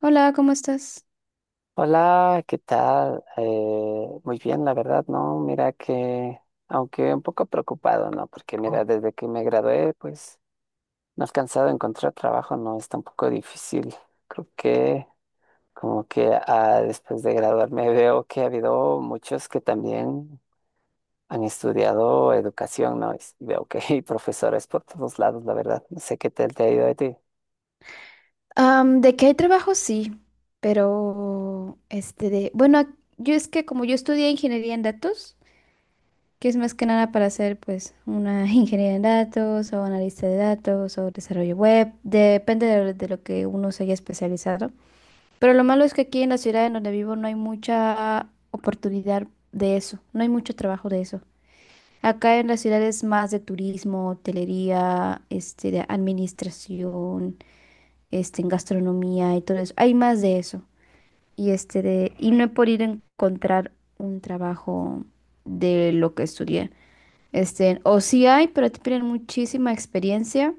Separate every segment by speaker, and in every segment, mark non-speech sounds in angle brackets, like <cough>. Speaker 1: Hola, ¿cómo estás?
Speaker 2: Hola, ¿qué tal? Muy bien, la verdad, ¿no? Mira que, aunque un poco preocupado, ¿no? Porque mira, desde que me gradué, pues no he alcanzado a encontrar trabajo, ¿no? Está un poco difícil. Creo que como que después de graduarme <laughs> veo que ha habido muchos que también han estudiado educación, ¿no? Y veo que hay profesores por todos lados, la verdad. No sé qué tal te ha ido a ti.
Speaker 1: De que hay trabajo, sí, pero yo es que como yo estudié ingeniería en datos, que es más que nada para hacer pues una <laughs> ingeniería en datos o analista de datos o desarrollo web, depende de lo que uno se haya especializado. Pero lo malo es que aquí en la ciudad en donde vivo no hay mucha oportunidad de eso, no hay mucho trabajo de eso. Acá en la ciudad es más de turismo, hotelería, de administración, en gastronomía y todo eso. Hay más de eso. Y, y no he podido encontrar un trabajo de lo que estudié. O sí hay, pero te piden muchísima experiencia.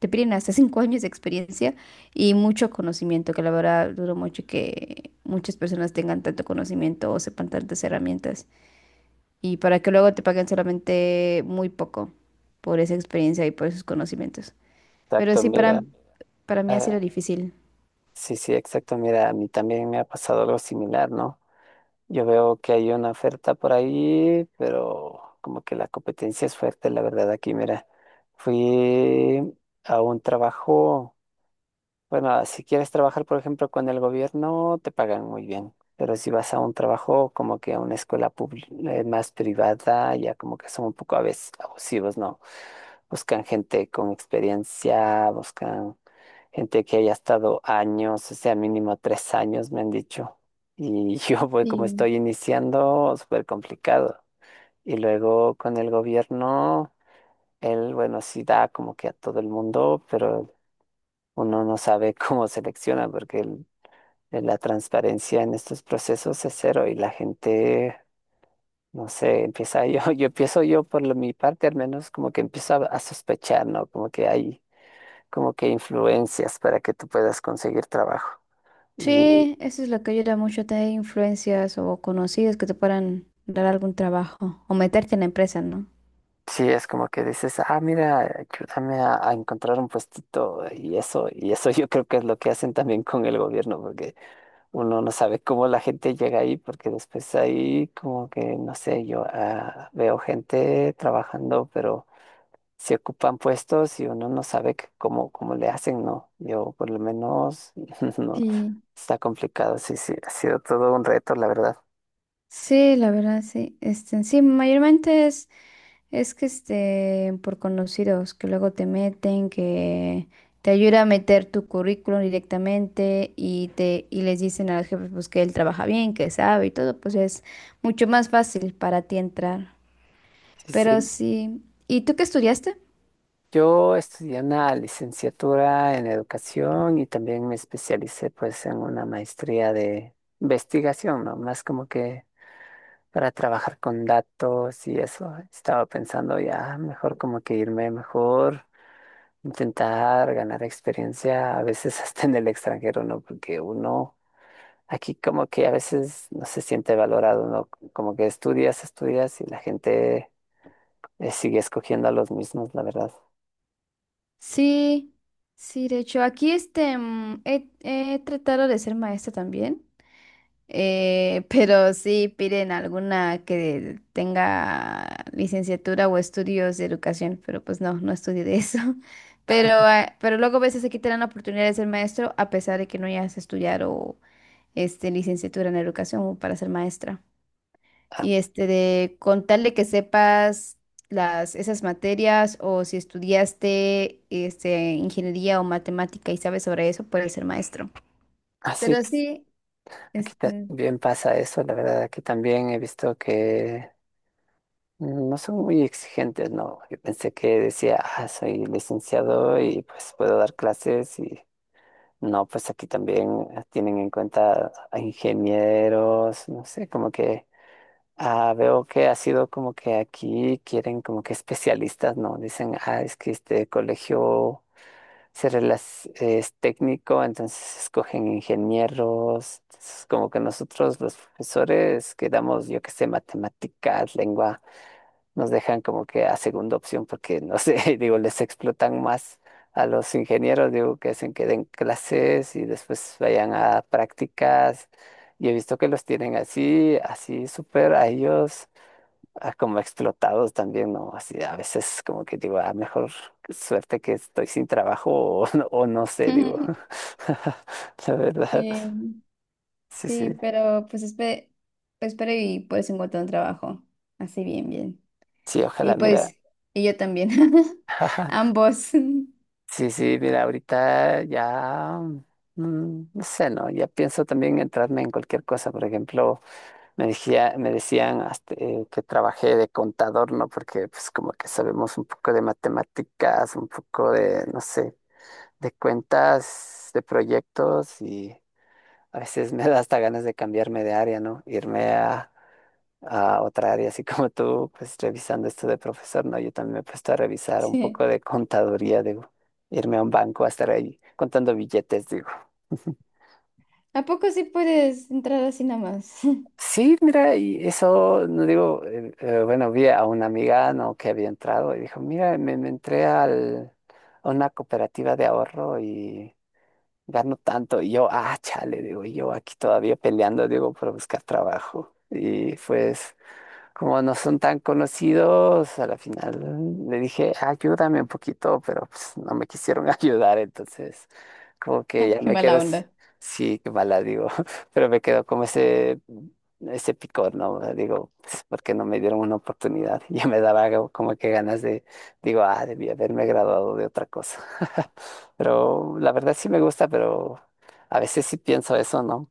Speaker 1: Te piden hasta 5 años de experiencia y mucho conocimiento, que la verdad duro mucho que muchas personas tengan tanto conocimiento o sepan tantas herramientas. Y para que luego te paguen solamente muy poco por esa experiencia y por esos conocimientos. Pero
Speaker 2: Exacto,
Speaker 1: sí,
Speaker 2: mira.
Speaker 1: para mí ha
Speaker 2: eh,
Speaker 1: sido difícil.
Speaker 2: sí, sí, exacto, mira, a mí también me ha pasado algo similar, ¿no? Yo veo que hay una oferta por ahí, pero como que la competencia es fuerte, la verdad, aquí, mira, fui a un trabajo, bueno, ah, si quieres trabajar, por ejemplo, con el gobierno, te pagan muy bien, pero si vas a un trabajo como que a una escuela pública, más privada, ya como que son un poco a veces abusivos, ¿no? Buscan gente con experiencia, buscan... Gente que haya estado años, o sea, mínimo tres años, me han dicho. Y <laughs> yo, voy como
Speaker 1: Sí.
Speaker 2: estoy iniciando, súper complicado. Y luego con el gobierno, él, bueno, sí da como que a todo el mundo, pero uno no sabe <laughs> cómo selecciona, porque la transparencia en estos procesos es cero y la gente, no sé, <laughs> yo empiezo yo mi parte, al menos como que empiezo a sospechar, ¿no? Como que hay como que influencias para que tú puedas conseguir trabajo.
Speaker 1: Sí, eso es lo que ayuda mucho, tener influencias o conocidos que te puedan dar algún trabajo o meterte en la empresa, ¿no?
Speaker 2: Sí, es como que dices, ah, mira, ayúdame a encontrar un puestito y eso <laughs> yo creo que es lo que hacen también con el gobierno, porque uno no sabe cómo la gente llega ahí, porque después ahí como que, no sé, yo ah, veo gente trabajando, pero se ocupan puestos y uno no sabe que cómo le hacen, ¿no? Yo por lo menos, <laughs> no,
Speaker 1: Sí.
Speaker 2: está complicado, sí, sí, ha sido todo un reto, la verdad.
Speaker 1: Sí, la verdad, sí. Sí, es que por conocidos que luego te meten, que te ayuda a meter tu currículum directamente y les dicen a los jefes pues que él trabaja bien, que sabe y todo, pues es mucho más fácil para ti entrar.
Speaker 2: Sí,
Speaker 1: Pero
Speaker 2: sí,
Speaker 1: sí. ¿Y tú qué estudiaste?
Speaker 2: yo estudié una licenciatura en educación y también me especialicé pues en una maestría de investigación, ¿no? Más como que para trabajar con datos y eso. Estaba pensando ya mejor como que irme mejor, intentar ganar experiencia, a veces hasta en el extranjero, ¿no? Porque uno aquí como que a veces no se siente valorado, ¿no? Como que estudias, estudias y la gente sigue escogiendo a los mismos, la verdad.
Speaker 1: Sí, sí, de hecho, aquí he tratado de ser maestra también, <laughs> pero sí piden alguna que tenga licenciatura o estudios de educación, pero pues no, no estudié de eso. <laughs> Pero, pero luego a veces aquí te dan la oportunidad de ser maestro a pesar de que no hayas estudiado licenciatura en educación para ser maestra. Y este de con tal de que sepas esas materias o si estudiaste ingeniería o matemática y sabes sobre eso, puedes ser maestro.
Speaker 2: Así
Speaker 1: Pero sí,
Speaker 2: aquí
Speaker 1: este,
Speaker 2: también pasa eso, la verdad, aquí también he visto que no son muy exigentes, ¿no? Yo pensé que decía, ah, soy licenciado y pues puedo dar clases y no, pues aquí también tienen en cuenta a ingenieros, no sé, como que ah, veo que ha sido como que aquí quieren como que especialistas, ¿no? Dicen, ah, es que este colegio es técnico, entonces escogen ingenieros. Entonces, como que nosotros los profesores que damos, yo que sé, matemáticas, lengua, nos dejan como que a segunda opción porque, no sé, <laughs> digo, les explotan más a los ingenieros, digo, que hacen que den clases y después vayan a prácticas. Y he visto que los tienen así, así súper a ellos ah, como explotados también, ¿no? Así a veces como que digo, ah, mejor suerte que estoy sin trabajo <laughs> o, o no sé, digo.
Speaker 1: <laughs>
Speaker 2: <laughs> La verdad,
Speaker 1: sí,
Speaker 2: sí, sí,
Speaker 1: sí, pero pues espero, espero y puedes encontrar un trabajo. Así bien, bien.
Speaker 2: sí,
Speaker 1: Y
Speaker 2: ojalá, mira.
Speaker 1: pues, y yo también. <laughs>
Speaker 2: <laughs>
Speaker 1: Ambos. <laughs>
Speaker 2: Sí, sí, mira, ahorita ya, no sé, ¿no? Ya pienso también entrarme en cualquier cosa. Por ejemplo, me decían hasta, que trabajé de contador, ¿no? Porque pues como que sabemos un poco de matemáticas, un poco de, no sé de cuentas, de proyectos y a veces me da hasta ganas de cambiarme de área, ¿no? Irme a otra área, así como tú, pues revisando esto de profesor, ¿no? Yo también me he puesto a revisar un
Speaker 1: Sí.
Speaker 2: poco de contaduría, digo, irme a un banco a estar ahí contando billetes, digo. <laughs>
Speaker 1: ¿A poco sí puedes entrar así nada más?
Speaker 2: Sí, mira, y eso, no digo, bueno, vi a una amiga, ¿no? Que había entrado y dijo, mira, me entré a una cooperativa de ahorro y gano tanto. Y yo, ah, chale, digo, y yo aquí todavía peleando, digo, para buscar trabajo. Y fue, como no son tan conocidos, a la final le dije, ayúdame un poquito, pero pues no me quisieron <laughs> ayudar, entonces como que
Speaker 1: <laughs>
Speaker 2: ya
Speaker 1: Qué
Speaker 2: me quedo,
Speaker 1: mala
Speaker 2: s-
Speaker 1: onda.
Speaker 2: Sí, qué mala digo, <laughs> pero me quedo como ese picor, ¿no? O sea, digo, pues, ¿por qué no me dieron una oportunidad? <laughs> Ya me daba como que ganas de, digo, ah, debí haberme graduado de otra cosa. <laughs> Pero la verdad sí me gusta, pero a veces sí pienso eso, ¿no?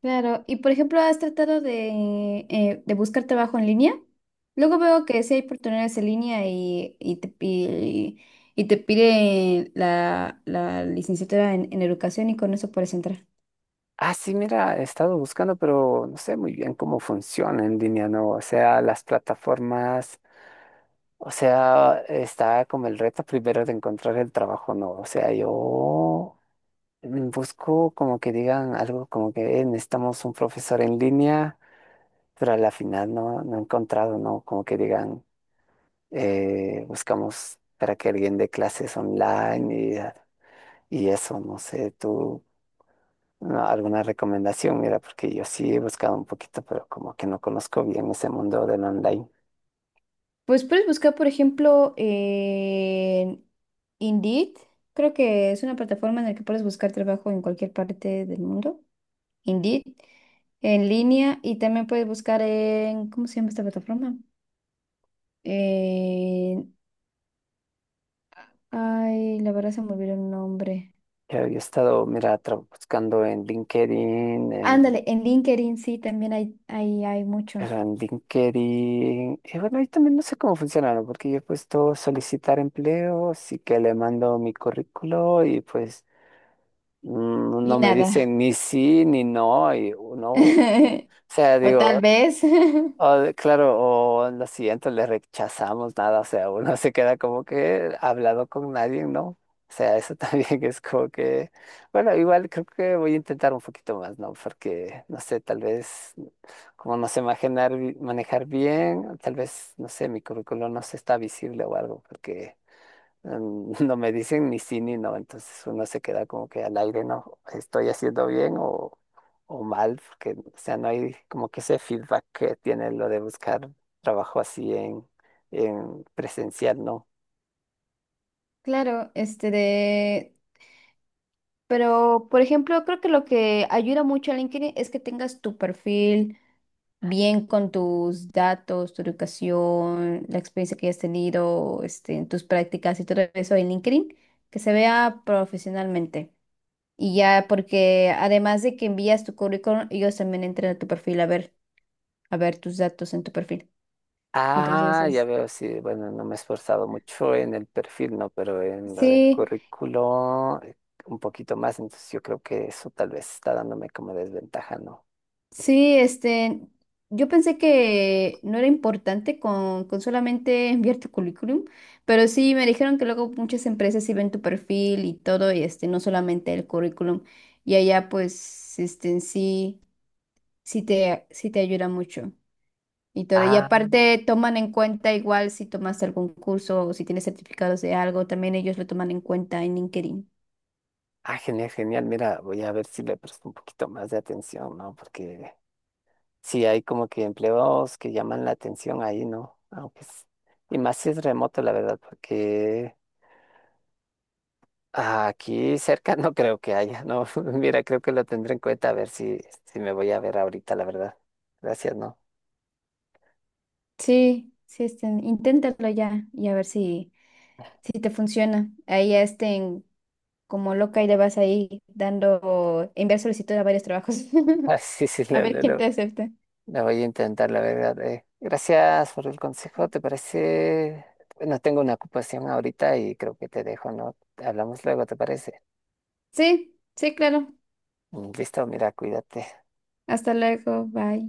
Speaker 1: Claro, y por ejemplo, ¿has tratado de buscar trabajo en línea? Luego veo que sí hay oportunidades en línea y te pide la licenciatura en educación y con eso puedes entrar.
Speaker 2: Ah, sí, mira, he estado buscando, pero no sé muy bien cómo funciona en línea, ¿no? O sea, las plataformas, o sea, está como el reto primero de encontrar el trabajo, ¿no? O sea, yo busco como que digan algo como que necesitamos un profesor en línea, pero a la final no, no he encontrado, ¿no?" Como que digan, buscamos para que alguien dé clases online y eso, no sé, tú. No, alguna recomendación, mira, porque yo sí he buscado un poquito, pero como que no conozco bien ese mundo del online.
Speaker 1: Pues puedes buscar, por ejemplo, en Indeed. Creo que es una plataforma en la que puedes buscar trabajo en cualquier parte del mundo. Indeed, en línea, y también puedes buscar en, ¿cómo se llama esta plataforma? Ay, la verdad se me olvidó el nombre.
Speaker 2: Yo he estado, mira, buscando en LinkedIn,
Speaker 1: Ándale, en LinkedIn sí, también hay, hay mucho.
Speaker 2: pero en LinkedIn, y bueno, ahí también no sé cómo funciona, ¿no? Porque yo he puesto solicitar empleo, sí que le mando mi currículo y pues
Speaker 1: Y
Speaker 2: no me
Speaker 1: nada.
Speaker 2: dicen ni sí ni no, y no, o sea,
Speaker 1: <laughs> O
Speaker 2: digo,
Speaker 1: tal vez. <laughs>
Speaker 2: Claro, o lo siguiente le rechazamos nada, o sea, uno <laughs> se queda como que hablado con nadie, ¿no? O sea, eso también <laughs> es como que, bueno, igual creo que voy a intentar un poquito más, ¿no? Porque, no sé, tal vez, como no sé manejar, manejar bien, tal vez, no sé, mi currículum no se está visible o algo, porque <laughs> no me dicen ni sí ni no, entonces uno se queda como que al aire, no, estoy haciendo bien o mal, porque, o sea, no hay como que ese feedback que tiene lo de buscar trabajo así en presencial, ¿no?
Speaker 1: Claro, Pero, por ejemplo, creo que lo que ayuda mucho a LinkedIn es que tengas tu perfil bien con tus datos, tu educación, la experiencia que hayas tenido, en tus prácticas y todo eso en LinkedIn, que se vea profesionalmente. Y ya, porque además de que envías tu currículum, ellos también entran a tu perfil a ver tus datos en tu perfil. Entonces
Speaker 2: Ah, ya
Speaker 1: es,
Speaker 2: veo, sí, bueno, no me he esforzado mucho en el perfil, ¿no? Pero en lo del
Speaker 1: sí,
Speaker 2: currículo, un poquito más, entonces yo creo que eso tal vez está dándome como desventaja, ¿no?
Speaker 1: sí, yo pensé que no era importante con solamente <laughs> enviar tu currículum, pero sí me dijeron que luego muchas empresas sí ven tu perfil y todo, y no solamente el currículum. Y allá pues, sí, sí te ayuda mucho. Y todo. Y
Speaker 2: Ah,
Speaker 1: aparte toman en cuenta igual si tomaste algún curso o si tienes certificados de algo, también ellos lo toman en cuenta en LinkedIn.
Speaker 2: ah, genial, genial. Mira, voy a ver si le presto un poquito más de atención, ¿no? Porque sí hay como que empleos que llaman la atención ahí, ¿no? Y más si es remoto, la verdad, porque aquí cerca <laughs> no creo que haya, ¿no? <laughs> Mira, creo que lo tendré en cuenta a ver si me voy a ver ahorita, la verdad. Gracias, ¿no? <laughs>
Speaker 1: Sí, sí, inténtalo ya y a ver si, si te funciona. Ahí ya estén como loca y le vas ahí dando, enviar solicitud a varios trabajos.
Speaker 2: Ah,
Speaker 1: <laughs>
Speaker 2: sí, sí,
Speaker 1: A
Speaker 2: lo,
Speaker 1: ver
Speaker 2: lo-
Speaker 1: quién
Speaker 2: lo-
Speaker 1: te acepta.
Speaker 2: lo voy a intentar, la verdad. Gracias por el consejo, ¿te parece? Bueno, tengo una ocupación ahorita y creo que te dejo, ¿no? Hablamos luego, ¿te parece?
Speaker 1: Sí, sí, claro.
Speaker 2: Listo, mira, cuídate.
Speaker 1: Hasta luego, bye.